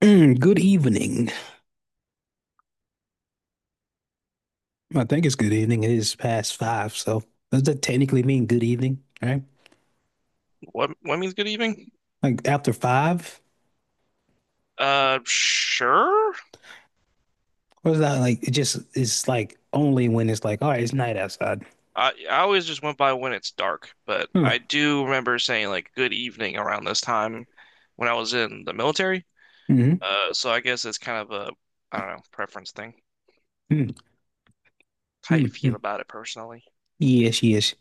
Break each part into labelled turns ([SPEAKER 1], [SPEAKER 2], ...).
[SPEAKER 1] Good evening. I think it's good evening. It is past five, so does that technically mean good evening, right?
[SPEAKER 2] What means good evening?
[SPEAKER 1] Like after five?
[SPEAKER 2] Sure.
[SPEAKER 1] Or is that like it's like only when it's like, all right, it's night outside.
[SPEAKER 2] I always just went by when it's dark, but
[SPEAKER 1] Huh.
[SPEAKER 2] I do remember saying like good evening around this time when I was in the military.
[SPEAKER 1] Mm-hmm.
[SPEAKER 2] So I guess it's kind of a I don't know preference thing, how you
[SPEAKER 1] Mm-hmm.
[SPEAKER 2] feel
[SPEAKER 1] hmm
[SPEAKER 2] about it personally.
[SPEAKER 1] Yes, yes.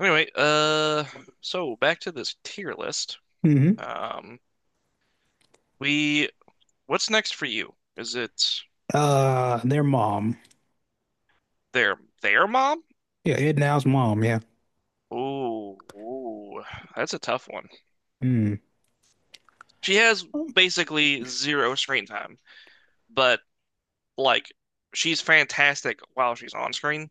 [SPEAKER 2] Anyway, so back to this tier list.
[SPEAKER 1] Mm-hmm.
[SPEAKER 2] Um, we what's next for you? Is it
[SPEAKER 1] Their mom.
[SPEAKER 2] their mom?
[SPEAKER 1] Yeah, Ed Now's mom, yeah.
[SPEAKER 2] Ooh, ooh, that's a tough one.
[SPEAKER 1] Mm.
[SPEAKER 2] She has basically zero screen time, but like she's fantastic while she's on screen.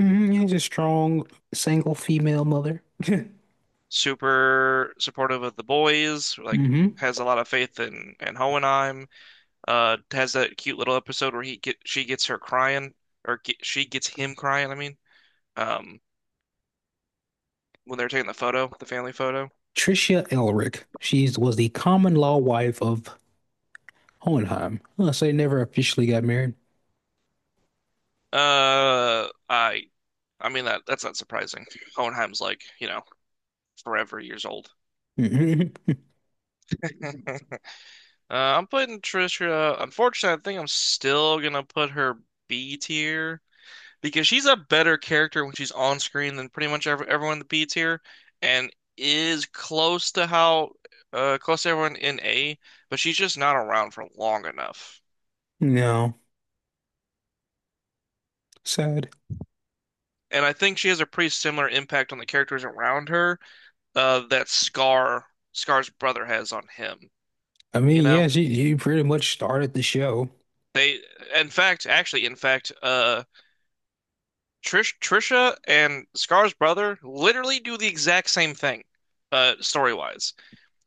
[SPEAKER 1] Mm-hmm. Yeah, just strong single female mother.
[SPEAKER 2] Super supportive of the boys, like
[SPEAKER 1] Mm-hmm.
[SPEAKER 2] has a lot of faith in Hohenheim. Has that cute little episode where he get she gets her crying or she gets him crying. I mean, um, when they're taking the photo, the family photo.
[SPEAKER 1] Tricia Elric. She was the common law wife of Hohenheim. Unless they never officially got married.
[SPEAKER 2] Uh, I I mean that's not surprising. Hohenheim's like, you know, forever years old.
[SPEAKER 1] hmm
[SPEAKER 2] I'm putting Trisha. Unfortunately, I think I'm still gonna put her B tier because she's a better character when she's on screen than pretty much everyone in the B tier, and is close to how close to everyone in A, but she's just not around for long enough.
[SPEAKER 1] No, sad.
[SPEAKER 2] And I think she has a pretty similar impact on the characters around her that Scar's brother has on him.
[SPEAKER 1] I
[SPEAKER 2] You
[SPEAKER 1] mean,
[SPEAKER 2] know,
[SPEAKER 1] yeah, she you pretty much started the show.
[SPEAKER 2] they in fact, Trisha and Scar's brother literally do the exact same thing, story-wise.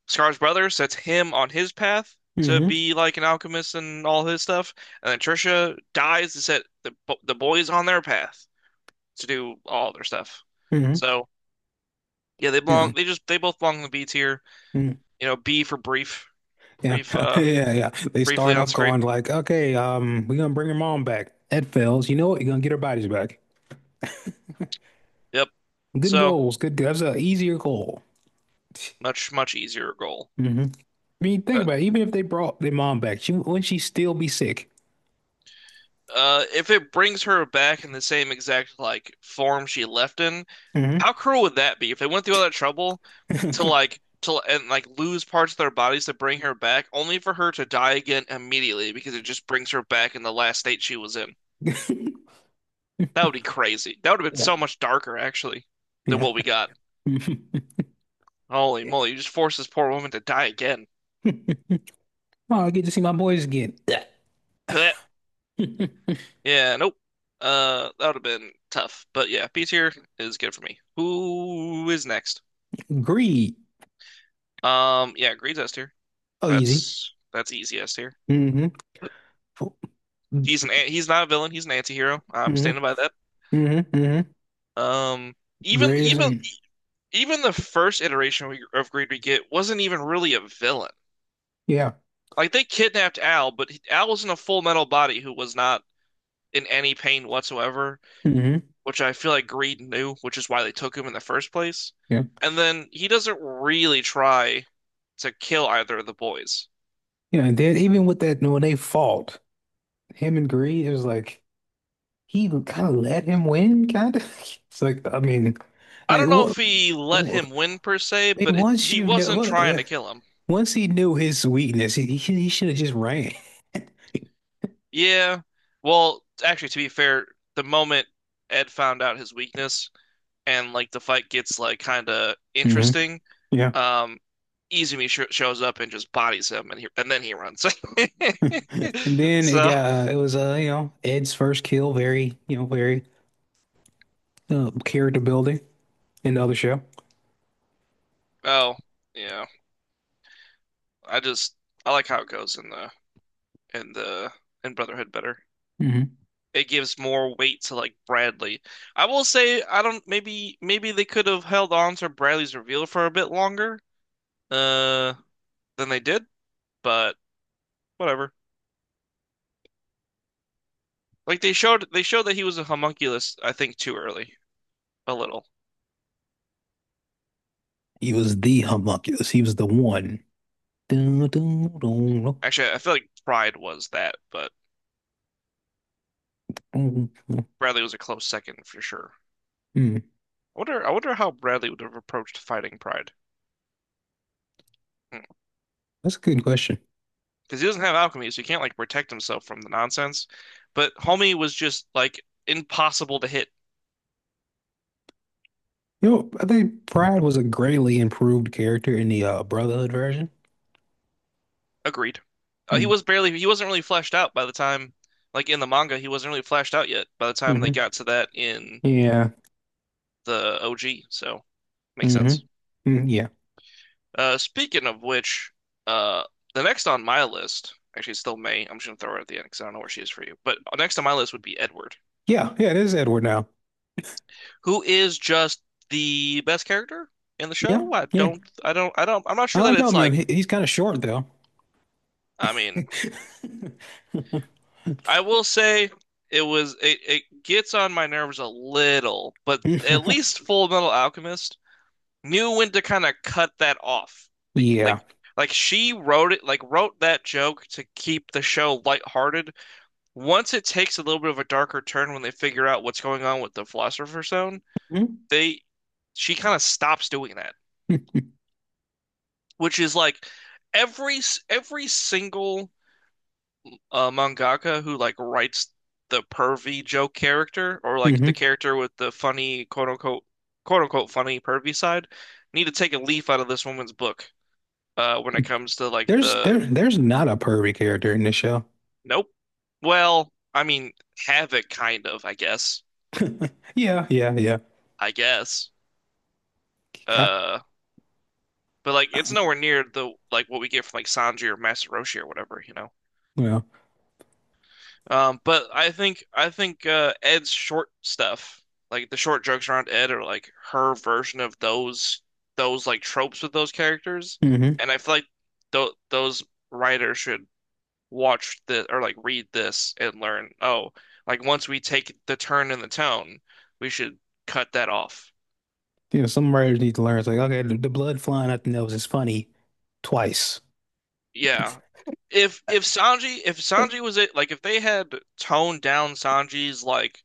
[SPEAKER 2] Scar's brother sets him on his path to
[SPEAKER 1] hmm
[SPEAKER 2] be like an alchemist and all his stuff, and then Trisha dies to set the boys on their path to do all their stuff.
[SPEAKER 1] hmm
[SPEAKER 2] So yeah, they
[SPEAKER 1] Yeah.
[SPEAKER 2] belong. They both belong in the B tier.
[SPEAKER 1] Mm.
[SPEAKER 2] You know, B for brief,
[SPEAKER 1] Yeah.
[SPEAKER 2] brief,
[SPEAKER 1] Yeah, yeah. They
[SPEAKER 2] briefly
[SPEAKER 1] start
[SPEAKER 2] on
[SPEAKER 1] off
[SPEAKER 2] screen.
[SPEAKER 1] going like, okay, we're gonna bring her mom back. That fails. You know what? You're gonna get her bodies back.
[SPEAKER 2] Yep.
[SPEAKER 1] Good
[SPEAKER 2] So
[SPEAKER 1] goals. Good goals. That's an easier goal.
[SPEAKER 2] much easier goal.
[SPEAKER 1] hmm I mean, think
[SPEAKER 2] Uh,
[SPEAKER 1] about it. Even if they brought their mom back, she wouldn't she still be sick?
[SPEAKER 2] If it brings her back in the same exact like form she left in,
[SPEAKER 1] hmm
[SPEAKER 2] how cruel would that be? If they went through all that trouble to like to and like lose parts of their bodies to bring her back, only for her to die again immediately because it just brings her back in the last state she was in. That would be crazy. That would have been
[SPEAKER 1] Yeah.
[SPEAKER 2] so much darker actually than
[SPEAKER 1] Yeah.
[SPEAKER 2] what we got. Holy moly, you just forced this poor woman to die again.
[SPEAKER 1] Oh, I get to see my boys again.
[SPEAKER 2] Blech. Yeah, nope. That would have been tough. But yeah, B tier is good for me. Who is next?
[SPEAKER 1] Greed.
[SPEAKER 2] Yeah, Greed's S tier.
[SPEAKER 1] Oh, easy.
[SPEAKER 2] That's easiest here.
[SPEAKER 1] hmm hmm
[SPEAKER 2] He's not a villain. He's an anti-hero. I'm standing by that.
[SPEAKER 1] hmm hmm
[SPEAKER 2] Um, even
[SPEAKER 1] Grays
[SPEAKER 2] even
[SPEAKER 1] and
[SPEAKER 2] Even the first iteration of Greed we get wasn't even really a villain.
[SPEAKER 1] yeah.
[SPEAKER 2] Like they kidnapped Al, but Al was in a full metal body who was not in any pain whatsoever,
[SPEAKER 1] hmm
[SPEAKER 2] which I feel like Greed knew, which is why they took him in the first place.
[SPEAKER 1] Yeah.
[SPEAKER 2] And then he doesn't really try to kill either of the boys.
[SPEAKER 1] Yeah. And then even with that when they fought, him and Gray, it was like he kind of let him win, kind of. It's like I mean,
[SPEAKER 2] I
[SPEAKER 1] I
[SPEAKER 2] don't know
[SPEAKER 1] well,
[SPEAKER 2] if he let
[SPEAKER 1] well,
[SPEAKER 2] him win per se,
[SPEAKER 1] I
[SPEAKER 2] but
[SPEAKER 1] mean, once
[SPEAKER 2] he
[SPEAKER 1] you know,
[SPEAKER 2] wasn't trying to kill him.
[SPEAKER 1] once he knew his weakness, he should have just ran.
[SPEAKER 2] Yeah. Well, actually, to be fair, the moment Ed found out his weakness and like the fight gets like kind of
[SPEAKER 1] hmm
[SPEAKER 2] interesting,
[SPEAKER 1] Yeah.
[SPEAKER 2] um, Izumi sh shows up and just bodies him, and he and then he runs.
[SPEAKER 1] And then
[SPEAKER 2] So,
[SPEAKER 1] it was you know Ed's first kill, very you know very character building in the other show.
[SPEAKER 2] oh yeah, I just I like how it goes in the in the in Brotherhood better. It gives more weight to like Bradley. I will say I don't maybe they could have held on to Bradley's reveal for a bit longer uh than they did, but whatever. Like they showed that he was a homunculus, I think, too early. A little.
[SPEAKER 1] He was the homunculus. He was the one. Dun, dun, dun, dun,
[SPEAKER 2] Actually, I feel like Pride was that, but
[SPEAKER 1] dun, dun.
[SPEAKER 2] Bradley was a close second for sure.
[SPEAKER 1] Hmm.
[SPEAKER 2] I wonder how Bradley would have approached fighting Pride.
[SPEAKER 1] That's a good question.
[SPEAKER 2] Because he doesn't have alchemy, so he can't like protect himself from the nonsense. But Homie was just like impossible to hit.
[SPEAKER 1] You know, I think Pride was a greatly improved character in the Brotherhood version.
[SPEAKER 2] Agreed.
[SPEAKER 1] Mm,
[SPEAKER 2] He wasn't really fleshed out by the time he wasn't really fleshed out yet by the
[SPEAKER 1] hmm
[SPEAKER 2] time they
[SPEAKER 1] mm-hmm.
[SPEAKER 2] got to that in
[SPEAKER 1] Yeah.
[SPEAKER 2] the OG, so makes
[SPEAKER 1] mm-hmm. hmm
[SPEAKER 2] sense.
[SPEAKER 1] Mm, yeah.
[SPEAKER 2] Speaking of which, uh, the next on my list, actually, it's still May. I'm just gonna throw her at the end because I don't know where she is for you. But next on my list would be Edward,
[SPEAKER 1] Yeah. Yeah. It is Edward now.
[SPEAKER 2] who is just the best character in the
[SPEAKER 1] Yeah.
[SPEAKER 2] show.
[SPEAKER 1] Yeah.
[SPEAKER 2] I don't. I'm not
[SPEAKER 1] I
[SPEAKER 2] sure that
[SPEAKER 1] don't know,
[SPEAKER 2] it's
[SPEAKER 1] man.
[SPEAKER 2] like.
[SPEAKER 1] He's kind of short though.
[SPEAKER 2] I mean, I will say it was. It gets on my nerves a little, but at least Full Metal Alchemist knew when to kind of cut that off. The,
[SPEAKER 1] Yeah.
[SPEAKER 2] like She wrote it, like wrote that joke to keep the show lighthearted once it takes a little bit of a darker turn when they figure out what's going on with the Philosopher's Stone,
[SPEAKER 1] Mm-hmm.
[SPEAKER 2] they she kind of stops doing that, which is like every every single mangaka who like writes the pervy joke character or like the
[SPEAKER 1] Mm-hmm.
[SPEAKER 2] character with the funny quote unquote funny pervy side need to take a leaf out of this woman's book when it comes to like the
[SPEAKER 1] There's not a pervy character in this show.
[SPEAKER 2] nope. Well, I mean, have it kind of, I guess.
[SPEAKER 1] Yeah. Yeah. Yeah.
[SPEAKER 2] I guess.
[SPEAKER 1] Ki- ki-
[SPEAKER 2] Uh, But like it's nowhere near the like what we get from like Sanji or Master Roshi or whatever, you know.
[SPEAKER 1] Well.
[SPEAKER 2] But I think Ed's short stuff, like the short jokes around Ed, are like her version of those like tropes with those characters,
[SPEAKER 1] hmm
[SPEAKER 2] and I feel like th those writers should watch this or like read this and learn. Oh, like once we take the turn in the tone, we should cut that off.
[SPEAKER 1] You know, some writers need to learn. It's like, okay, the blood flying out the nose is funny twice.
[SPEAKER 2] Yeah, if Sanji was it like if they had toned down Sanji's like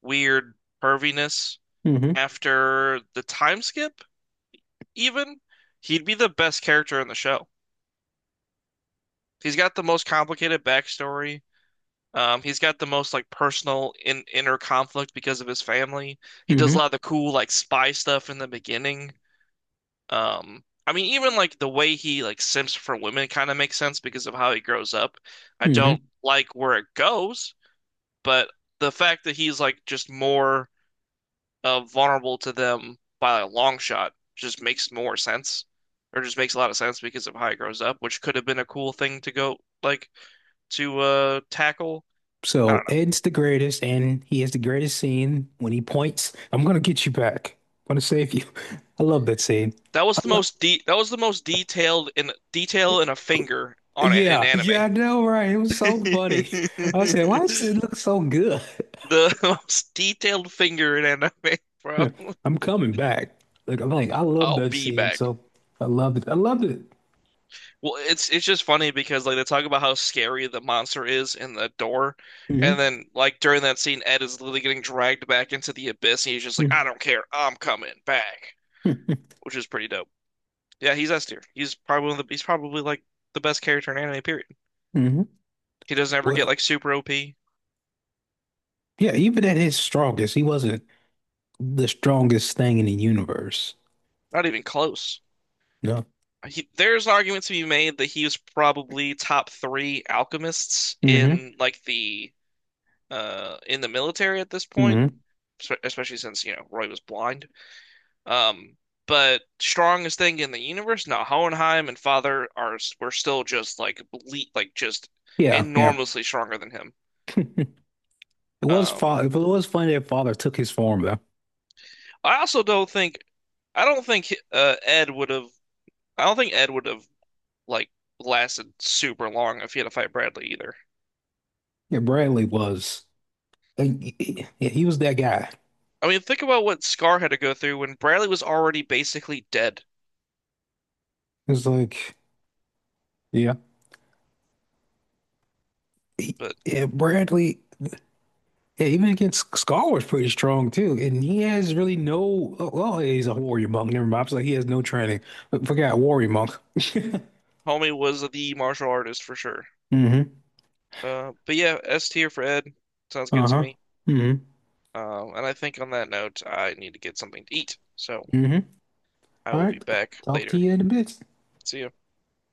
[SPEAKER 2] weird perviness
[SPEAKER 1] hmm
[SPEAKER 2] after the time skip even he'd be the best character in the show. He's got the most complicated backstory. He's got the most like personal inner conflict because of his family. He does a
[SPEAKER 1] hmm
[SPEAKER 2] lot of the cool like spy stuff in the beginning. I mean, even like the way he like simps for women kind of makes sense because of how he grows up. I
[SPEAKER 1] hmm
[SPEAKER 2] don't like where it goes, but the fact that he's like just more vulnerable to them by a long shot just makes more sense, or just makes a lot of sense because of how he grows up, which could have been a cool thing to go like to tackle. I
[SPEAKER 1] So
[SPEAKER 2] don't know.
[SPEAKER 1] Ed's the greatest, and he has the greatest scene when he points, I'm gonna get you back. I'm gonna save you. I love that scene. I lo
[SPEAKER 2] That was the most detailed in a finger on it in
[SPEAKER 1] yeah,
[SPEAKER 2] anime.
[SPEAKER 1] yeah, I know, right? It was so funny. I said, why does it look so good?
[SPEAKER 2] The most detailed finger in anime, bro.
[SPEAKER 1] I'm coming back. I love
[SPEAKER 2] I'll
[SPEAKER 1] that
[SPEAKER 2] be
[SPEAKER 1] scene.
[SPEAKER 2] back.
[SPEAKER 1] So I loved it. I loved it.
[SPEAKER 2] Well, it's just funny because like they talk about how scary the monster is in the door, and
[SPEAKER 1] hmm
[SPEAKER 2] then like during that scene, Ed is literally getting dragged back into the abyss, and he's just like,
[SPEAKER 1] hmm
[SPEAKER 2] "I don't care, I'm coming back," which is pretty dope. Yeah, he's S tier. He's probably like the best character in anime, period.
[SPEAKER 1] hmm
[SPEAKER 2] He doesn't ever get
[SPEAKER 1] Well,
[SPEAKER 2] like super OP,
[SPEAKER 1] yeah, even at his strongest, he wasn't the strongest thing in the universe.
[SPEAKER 2] not even close.
[SPEAKER 1] No.
[SPEAKER 2] There's an argument to be made that he was probably top three alchemists
[SPEAKER 1] hmm
[SPEAKER 2] in like the in the military at this point,
[SPEAKER 1] hmm
[SPEAKER 2] especially since you know Roy was blind. Um, but strongest thing in the universe? No, Hohenheim and Father are were still just like ble like just
[SPEAKER 1] Yeah, yeah.
[SPEAKER 2] enormously stronger than him. Um,
[SPEAKER 1] It was funny that father took his form though.
[SPEAKER 2] I also don't think I don't think Ed would have like lasted super long if he had to fight Bradley either.
[SPEAKER 1] Yeah, Bradley was. Yeah, he was that guy.
[SPEAKER 2] I mean, think about what Scar had to go through when Bradley was already basically dead,
[SPEAKER 1] It's like, yeah. He-
[SPEAKER 2] but
[SPEAKER 1] yeah, Bradley, yeah, even against Scar was pretty strong too. And he has really no oh, well, he's a warrior monk. Never mind. I was like, he has no training. I Forgot warrior monk.
[SPEAKER 2] homie was the martial artist for sure.
[SPEAKER 1] hmm
[SPEAKER 2] But yeah, S tier for Ed. Sounds good to
[SPEAKER 1] Uh-huh.
[SPEAKER 2] me.
[SPEAKER 1] hmm
[SPEAKER 2] And I think on that note, I need to get something to eat. So
[SPEAKER 1] hmm
[SPEAKER 2] I
[SPEAKER 1] All
[SPEAKER 2] will be
[SPEAKER 1] right.
[SPEAKER 2] back
[SPEAKER 1] Talk to
[SPEAKER 2] later.
[SPEAKER 1] you in a bit.
[SPEAKER 2] See you.